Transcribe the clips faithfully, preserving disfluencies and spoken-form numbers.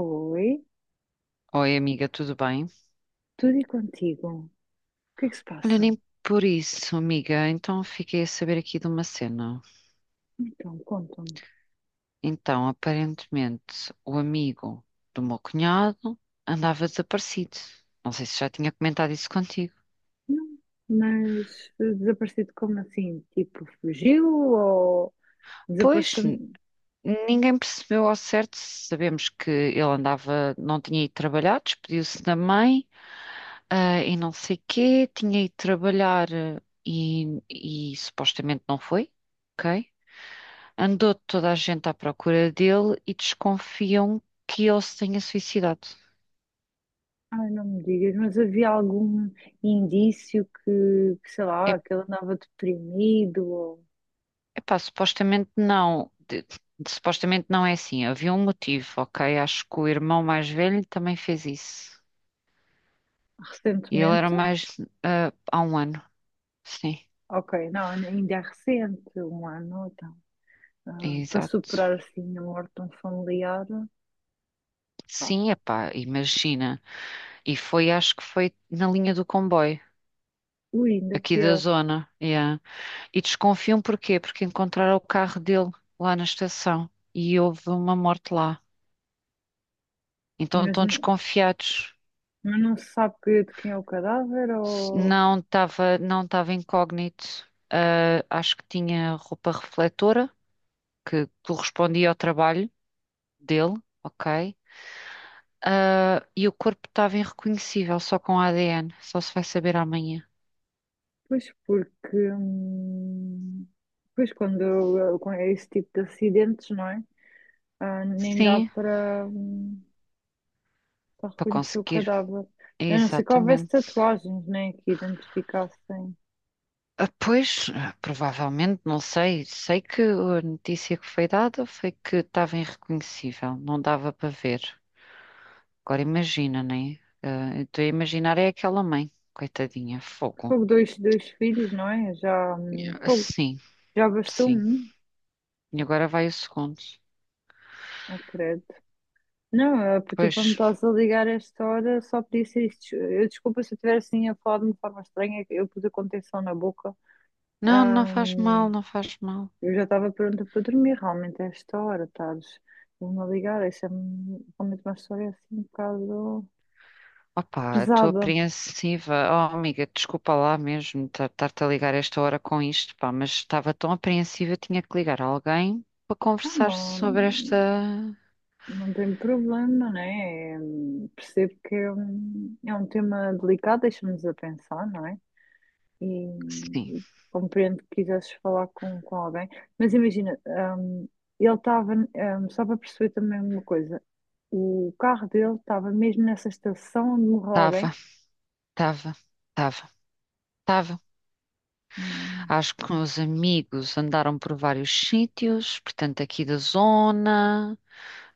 Oi, Oi, amiga, tudo bem? tudo e contigo? O que é que se Olha, passa? nem por isso, amiga. Então, fiquei a saber aqui de uma cena. Então, conta me. Então, aparentemente, o amigo do meu cunhado andava desaparecido. Não sei se já tinha comentado isso contigo. Não, mas eh, desaparecido como assim? Tipo, fugiu ou Pois, desapareceu? n- ninguém percebeu ao certo. Sabemos que ele andava, não tinha ido trabalhar, despediu-se da mãe, ah, e não sei quê, tinha ido trabalhar eh, e, e supostamente não foi. Ok? Andou toda a gente à procura dele e desconfiam que ele se tenha suicidado. Ai, não me digas, mas havia algum indício que, que, sei É, lá, que ele andava deprimido ou epá, supostamente não. De- de- supostamente não é assim. Havia um motivo, ok? Acho que o irmão mais velho também fez isso. E ele era recentemente? mais ah, há um ano. Sim, Ok, não, ainda é recente, um ano, então. Ah, para exato. superar assim a morte de um familiar, pá, Sim, epá, imagina. E foi, acho que foi na linha do comboio, ui, ainda aqui da pior. zona. Yeah. E desconfiam porquê? Porque encontraram o carro dele lá na estação e houve uma morte lá. Então Mas estão não. desconfiados. Mas não se sabe que- de quem é o cadáver ou. Não estava, não estava incógnito. Ah, acho que tinha roupa refletora, que correspondia ao trabalho dele, ok? Ah, e o corpo estava irreconhecível, só com A D N. Só se vai saber amanhã. Pois porque. hum, Pois quando, quando é esse tipo de acidentes, não é? Ah, nem dá Sim, para hum, para para reconhecer o conseguir. cadáver. A não ser que houvesse Exatamente. tatuagens, né? Que identificassem. Ah, pois, ah, provavelmente, não sei. Sei que a notícia que foi dada foi que estava irreconhecível, não dava para ver. Agora imagina, né? Ah, eu estou a imaginar é aquela mãe, coitadinha, fogo. Fogo, dois, dois filhos, não é? Já, hum, Ah, fogo, sim, já bastou sim. um, E agora vai o segundo. acredito. Não, ah, tu Pois, para me estás a ligar a esta hora só podia ser isto. Eu desculpa se eu estiver assim a falar de uma forma estranha, eu pus a contenção na boca. não, não faz mal, Ahm, não faz mal. eu já estava pronta para dormir, realmente, a esta hora, estás me a ligar, isso é me realmente uma história assim um bocado Opa, estou pesada. apreensiva. Oh, amiga, desculpa lá mesmo ta- estar-te a ligar esta hora com isto, pá, mas estava tão apreensiva, tinha que ligar a alguém para Ah, conversar não, sobre esta. não tem problema, né? É, hum, percebo que é um, é um tema delicado, deixa-nos a pensar, não é? E, Sim, e compreendo que quisesses falar com, com alguém, mas imagina, ahm, ele estava, ahm, só para perceber também uma coisa, o carro dele estava mesmo nessa estação onde morreu estava, alguém. estava, estava, estava. Hum. Acho que meus amigos andaram por vários sítios, portanto, aqui da zona,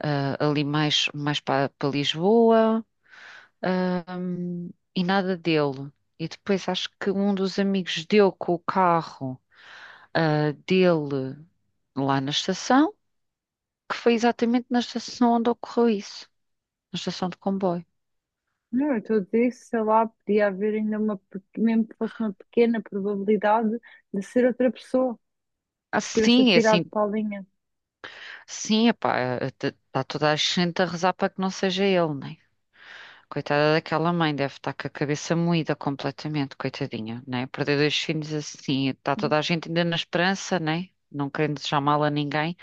ah, ali mais, mais para Lisboa, ahm, e nada dele. E depois acho que um dos amigos deu com o carro, ah, dele lá na estação, que foi exatamente na estação onde ocorreu isso, na estação de comboio. Não, eu estou a dizer, sei lá, podia haver ainda uma, pe- mesmo que fosse uma pequena probabilidade de ser outra pessoa Ah, que se tivesse sim, é atirado assim, para a linha. sim, epá, está toda a gente a rezar para que não seja ele, né? Coitada daquela mãe, deve estar com a cabeça moída completamente, coitadinha, né? Perder dois filhos assim, está Sim, toda a gente ainda na esperança, né? Não querendo desejar mal a ninguém,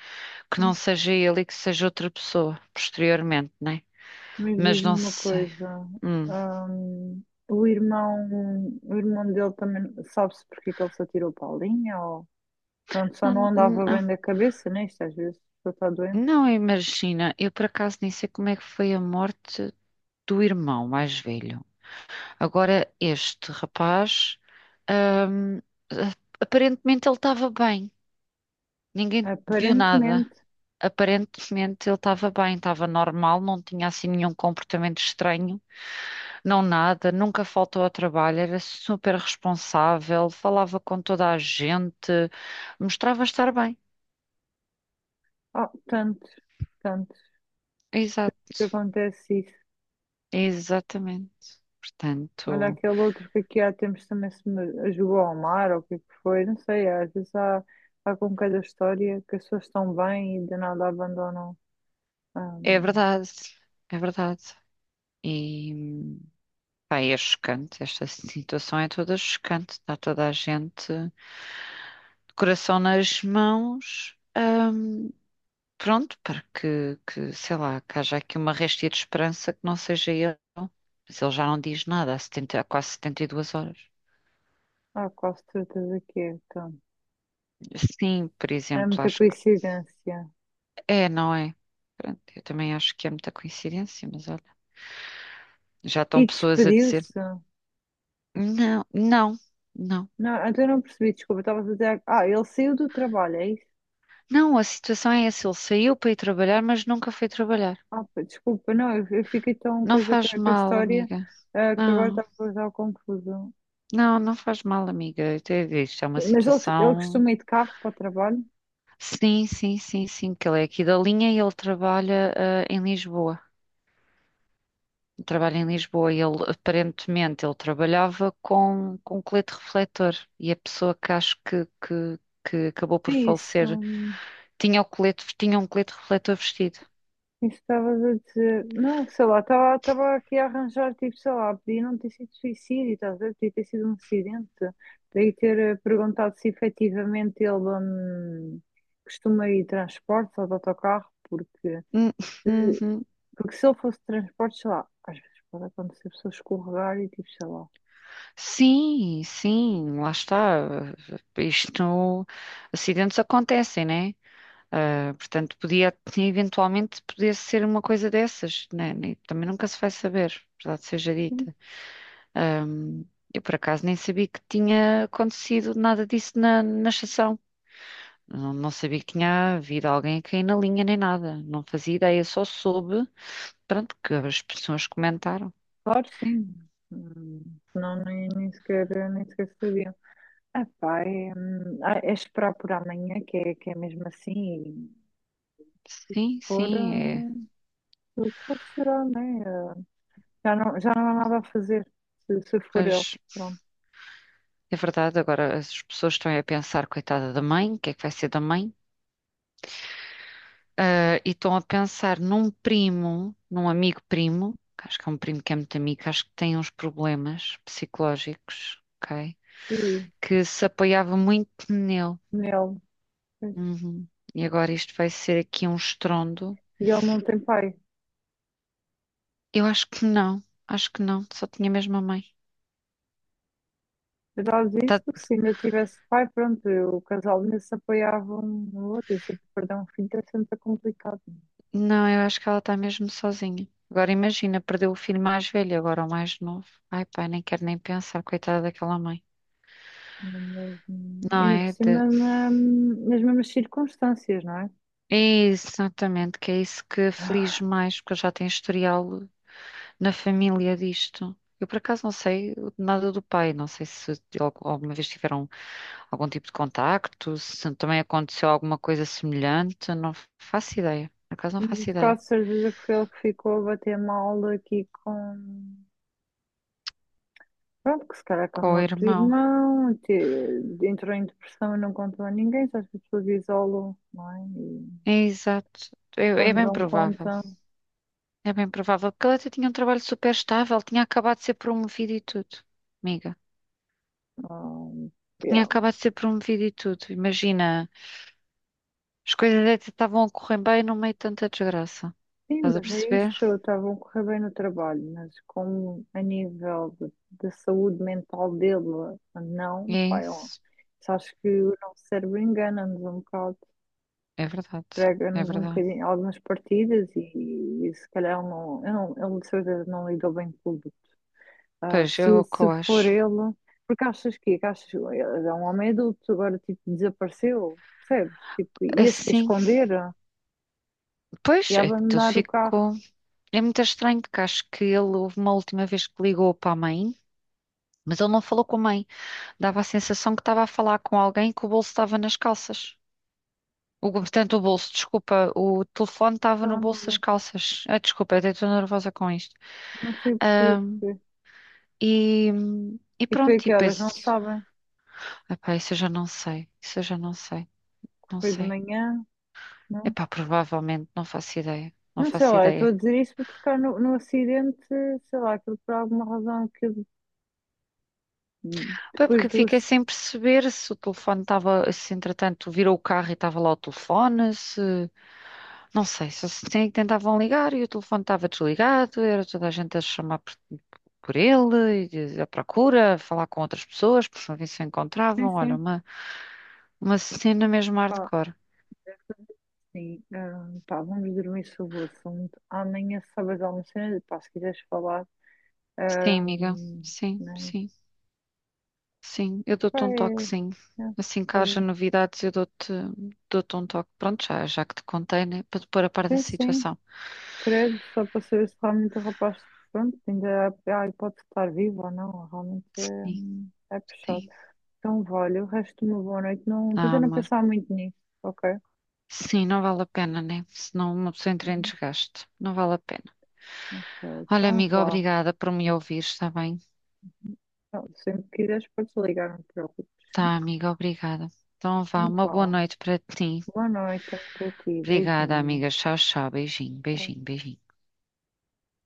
que não sim. seja ele e que seja outra pessoa, posteriormente, né? Mas Mas não diz-me uma sei. coisa, Hum. hum, o irmão, o irmão dele também sabe-se porque é que ele se atirou para a linha ou pronto, só Não, não andava não, bem da cabeça, né? Isto às vezes a pessoa está doente. não imagina, eu por acaso nem sei como é que foi a morte do irmão mais velho. Agora, este rapaz, hum, aparentemente ele estava bem, ninguém viu nada. Aparentemente, Aparentemente ele estava bem, estava normal, não tinha assim nenhum comportamento estranho, não nada, nunca faltou ao trabalho, era super responsável, falava com toda a gente, mostrava estar bem. oh, tanto, tanto Exato, que acontece isso. exatamente. Olha Portanto, aquele outro que aqui há tempos também se me jogou ao mar, ou o que é que foi, não sei, às vezes há, há com cada história que as pessoas estão bem e de nada abandonam. é hum, verdade, é verdade. E pá, é chocante, esta situação é toda chocante, está toda a gente de coração nas mãos. Hum, Pronto, para que, que, sei lá, que haja aqui uma réstia de esperança que não seja ele. Mas ele já não diz nada há, setenta, há quase setenta e duas horas. Há quase certeza que é, então. Sim, por É exemplo, muita acho que coincidência. é, não é? Pronto, eu também acho que é muita coincidência, mas olha, já estão E pessoas a dizer: despediu-se? não, não, não. Não, então eu não percebi, desculpa, estava a dizer. Ah, ele saiu do trabalho, é isso? Não, a situação é essa: ele saiu para ir trabalhar, mas nunca foi trabalhar. Ah, pá, desculpa, não, eu, eu fiquei tão Não coisa com faz a com a mal, história, amiga. ah, que agora Não, estava a causar confusão. não, não faz mal, amiga. Eu te isto é uma Mas ele, ele situação costuma ir de carro para o trabalho? sim, sim, sim, sim, que ele é aqui da linha e ele trabalha, eh, em Lisboa. Trabalha em Lisboa e ele, aparentemente, ele trabalhava com, com colete refletor e a pessoa que acho que, que, que acabou por Sim, falecer isso. tinha o colete, tinha um colete refletor vestido. Isso estavas a dizer. Não, sei lá, estava estava aqui a arranjar, tipo, sei lá, podia não ter sido suicídio, estás a ver? Podia ter sido um acidente. Daí ter eh, perguntado se efetivamente ele hum, costuma ir de transportes ou de autocarro, porque, Hum, uhum. porque se ele fosse de transportes, sei lá, às vezes pode acontecer a pessoa escorregar e tipo, sei lá. Sim, sim, lá está. Isto, acidentes acontecem, né? Ah, portanto, podia, eventualmente, podia ser uma coisa dessas, né? Nem- Também nunca se vai saber, verdade seja Sim, dita. Ahm, eu, por acaso, nem sabia que tinha acontecido nada disso na, na estação. Não, não sabia que tinha havido alguém a cair na linha nem nada. Não fazia ideia, só soube, pronto, que as pessoas comentaram. claro, sim. Hum. Não, nem, nem sequer, nem sequer sabiam. Ah, pá, é, hum, ah, é esperar por amanhã, que é, que é mesmo assim, e Sim, for. sim, é. hum, O que for será, né? Eh, já não, já não há nada a fazer, se, se for ele. Mas Pronto. é verdade, agora as pessoas estão aí a pensar, coitada da mãe, o que é que vai ser da mãe? Ah, e estão a pensar num primo, num amigo primo, que acho que é um primo que é muito amigo, acho que tem uns problemas psicológicos, ok? Ui, Que se apoiava muito nele. nele. Pois. Uhum. E agora isto vai ser aqui um estrondo. E ele não tem pai. Eu acho que não, acho que não, só tinha mesmo a mãe. Eu já lhe disse Tá- porque se ainda tivesse pai, pronto, eu- o casal ainda se apoiava um no outro. Eu sei que perder um filho é sempre complicado. não, eu acho que ela está mesmo sozinha. Agora imagina, perdeu o filho mais velho, agora o mais novo. Ai, pai, nem quero nem pensar, coitada daquela mãe. Não é mesmo? Não Ainda por é? cima, na- nas mesmas circunstâncias, não é? Exatamente, que é isso que aflige mais, porque eu já tenho historial na família disto. Eu por acaso não sei nada do pai, não sei se al- alguma vez tiveram algum tipo de contacto, se também aconteceu alguma coisa semelhante, não faço ideia. Por acaso não faço Mas ideia. quase certeza que foi ele que ficou a bater mal aqui com. Pronto, que se calhar que a Com o morte irmão. irmão, te- entrou em depressão e não contou a ninguém, só as pessoas isolam, não é? E É exato. É, é quando bem dão provável. conta, É bem provável, porque ele até tinha um trabalho super estável, tinha acabado de ser promovido e tudo. Amiga, ah, tinha yeah. acabado de ser promovido e tudo. Imagina. As coisas até estavam a correr bem no meio de tanta desgraça. Sim, Estás a mas é isso, perceber? estavam a correr bem no trabalho, mas como a nível de, de saúde mental dele, E não, é pai, ó, isso. só acho que o nosso cérebro engana-nos um bocado, É verdade. É prega-nos um verdade. bocadinho algumas partidas e, e se calhar ele não, eu não, ele de certeza não lidou bem com tudo. Ah, Pois, é se, o que se eu for acho. ele, porque achas que, que achas, ele é um homem adulto, agora tipo desapareceu, percebes? Tipo, ia-se que Assim, esconder pois, e é que tu abandonar o carro. ficou. É muito estranho porque acho que ele houve uma última vez que ligou para a mãe, mas ele não falou com a mãe. Dava a sensação que estava a falar com alguém que o bolso estava nas calças. O, portanto, o bolso, desculpa, o telefone estava no Então, bolso das não, calças. Ah, desculpa, até estou nervosa com isto. não sei perceber, Ahm, perceber. e, e E foi a pronto, e que horas? Não depois. sabem? Epá, isso eu já não sei. Isso eu já não sei. Que Não foi de sei. manhã? Não? Epá, provavelmente, não faço ideia. Não Não sei faço lá, eu estou ideia. a dizer isso porque se calhar no, no acidente, sei lá, aquilo por alguma razão que eu- Pá, é porque depois do fiquei acidente. sem perceber se o telefone estava, se entretanto virou o carro e estava lá o telefone, se... Não sei, só se tem- tentavam ligar e o telefone estava desligado, era toda a gente a chamar por, por ele, e a procura, a falar com outras pessoas, por não ver se o Sim, encontravam. Olha, sim, uma, uma cena mesmo pá. hardcore. Sim, ah, pá, vamos dormir sobre o assunto. Amanhã sabes alguma cena, pá, se quiseres falar. Sim, amiga. Ahm, Sim, né? sim. Sim, eu Pá, dou-te um toque, é, sim. é, Assim que olha, haja novidades, eu dou-te dou-te um toque. Pronto, já, já que te contei, né? Para te pôr a par da sim, sim, situação. credo, só para saber se realmente o rapaz, pronto, ainda há, há hipótese de estar vivo ou não, realmente Sim, é, é puxado. sim. Então, vale, o resto de uma boa noite, não, Ah, tenta não amor. pensar muito nisso, ok? Sim, não vale a pena, né? Senão uma pessoa entra em Uhum. desgaste. Não vale a pena. Ok, Olha, então amiga, vá. obrigada por me ouvir, está bem? Então, sempre que quiseres, podes ligar, não te preocupes. Tá, amiga, obrigada. Então Então, vá, uma boa vá. noite para ti. Boa noite também para ti, Obrigada, beijinho. amiga. Tchau, tchau. Beijinho, Tchau. beijinho, beijinho.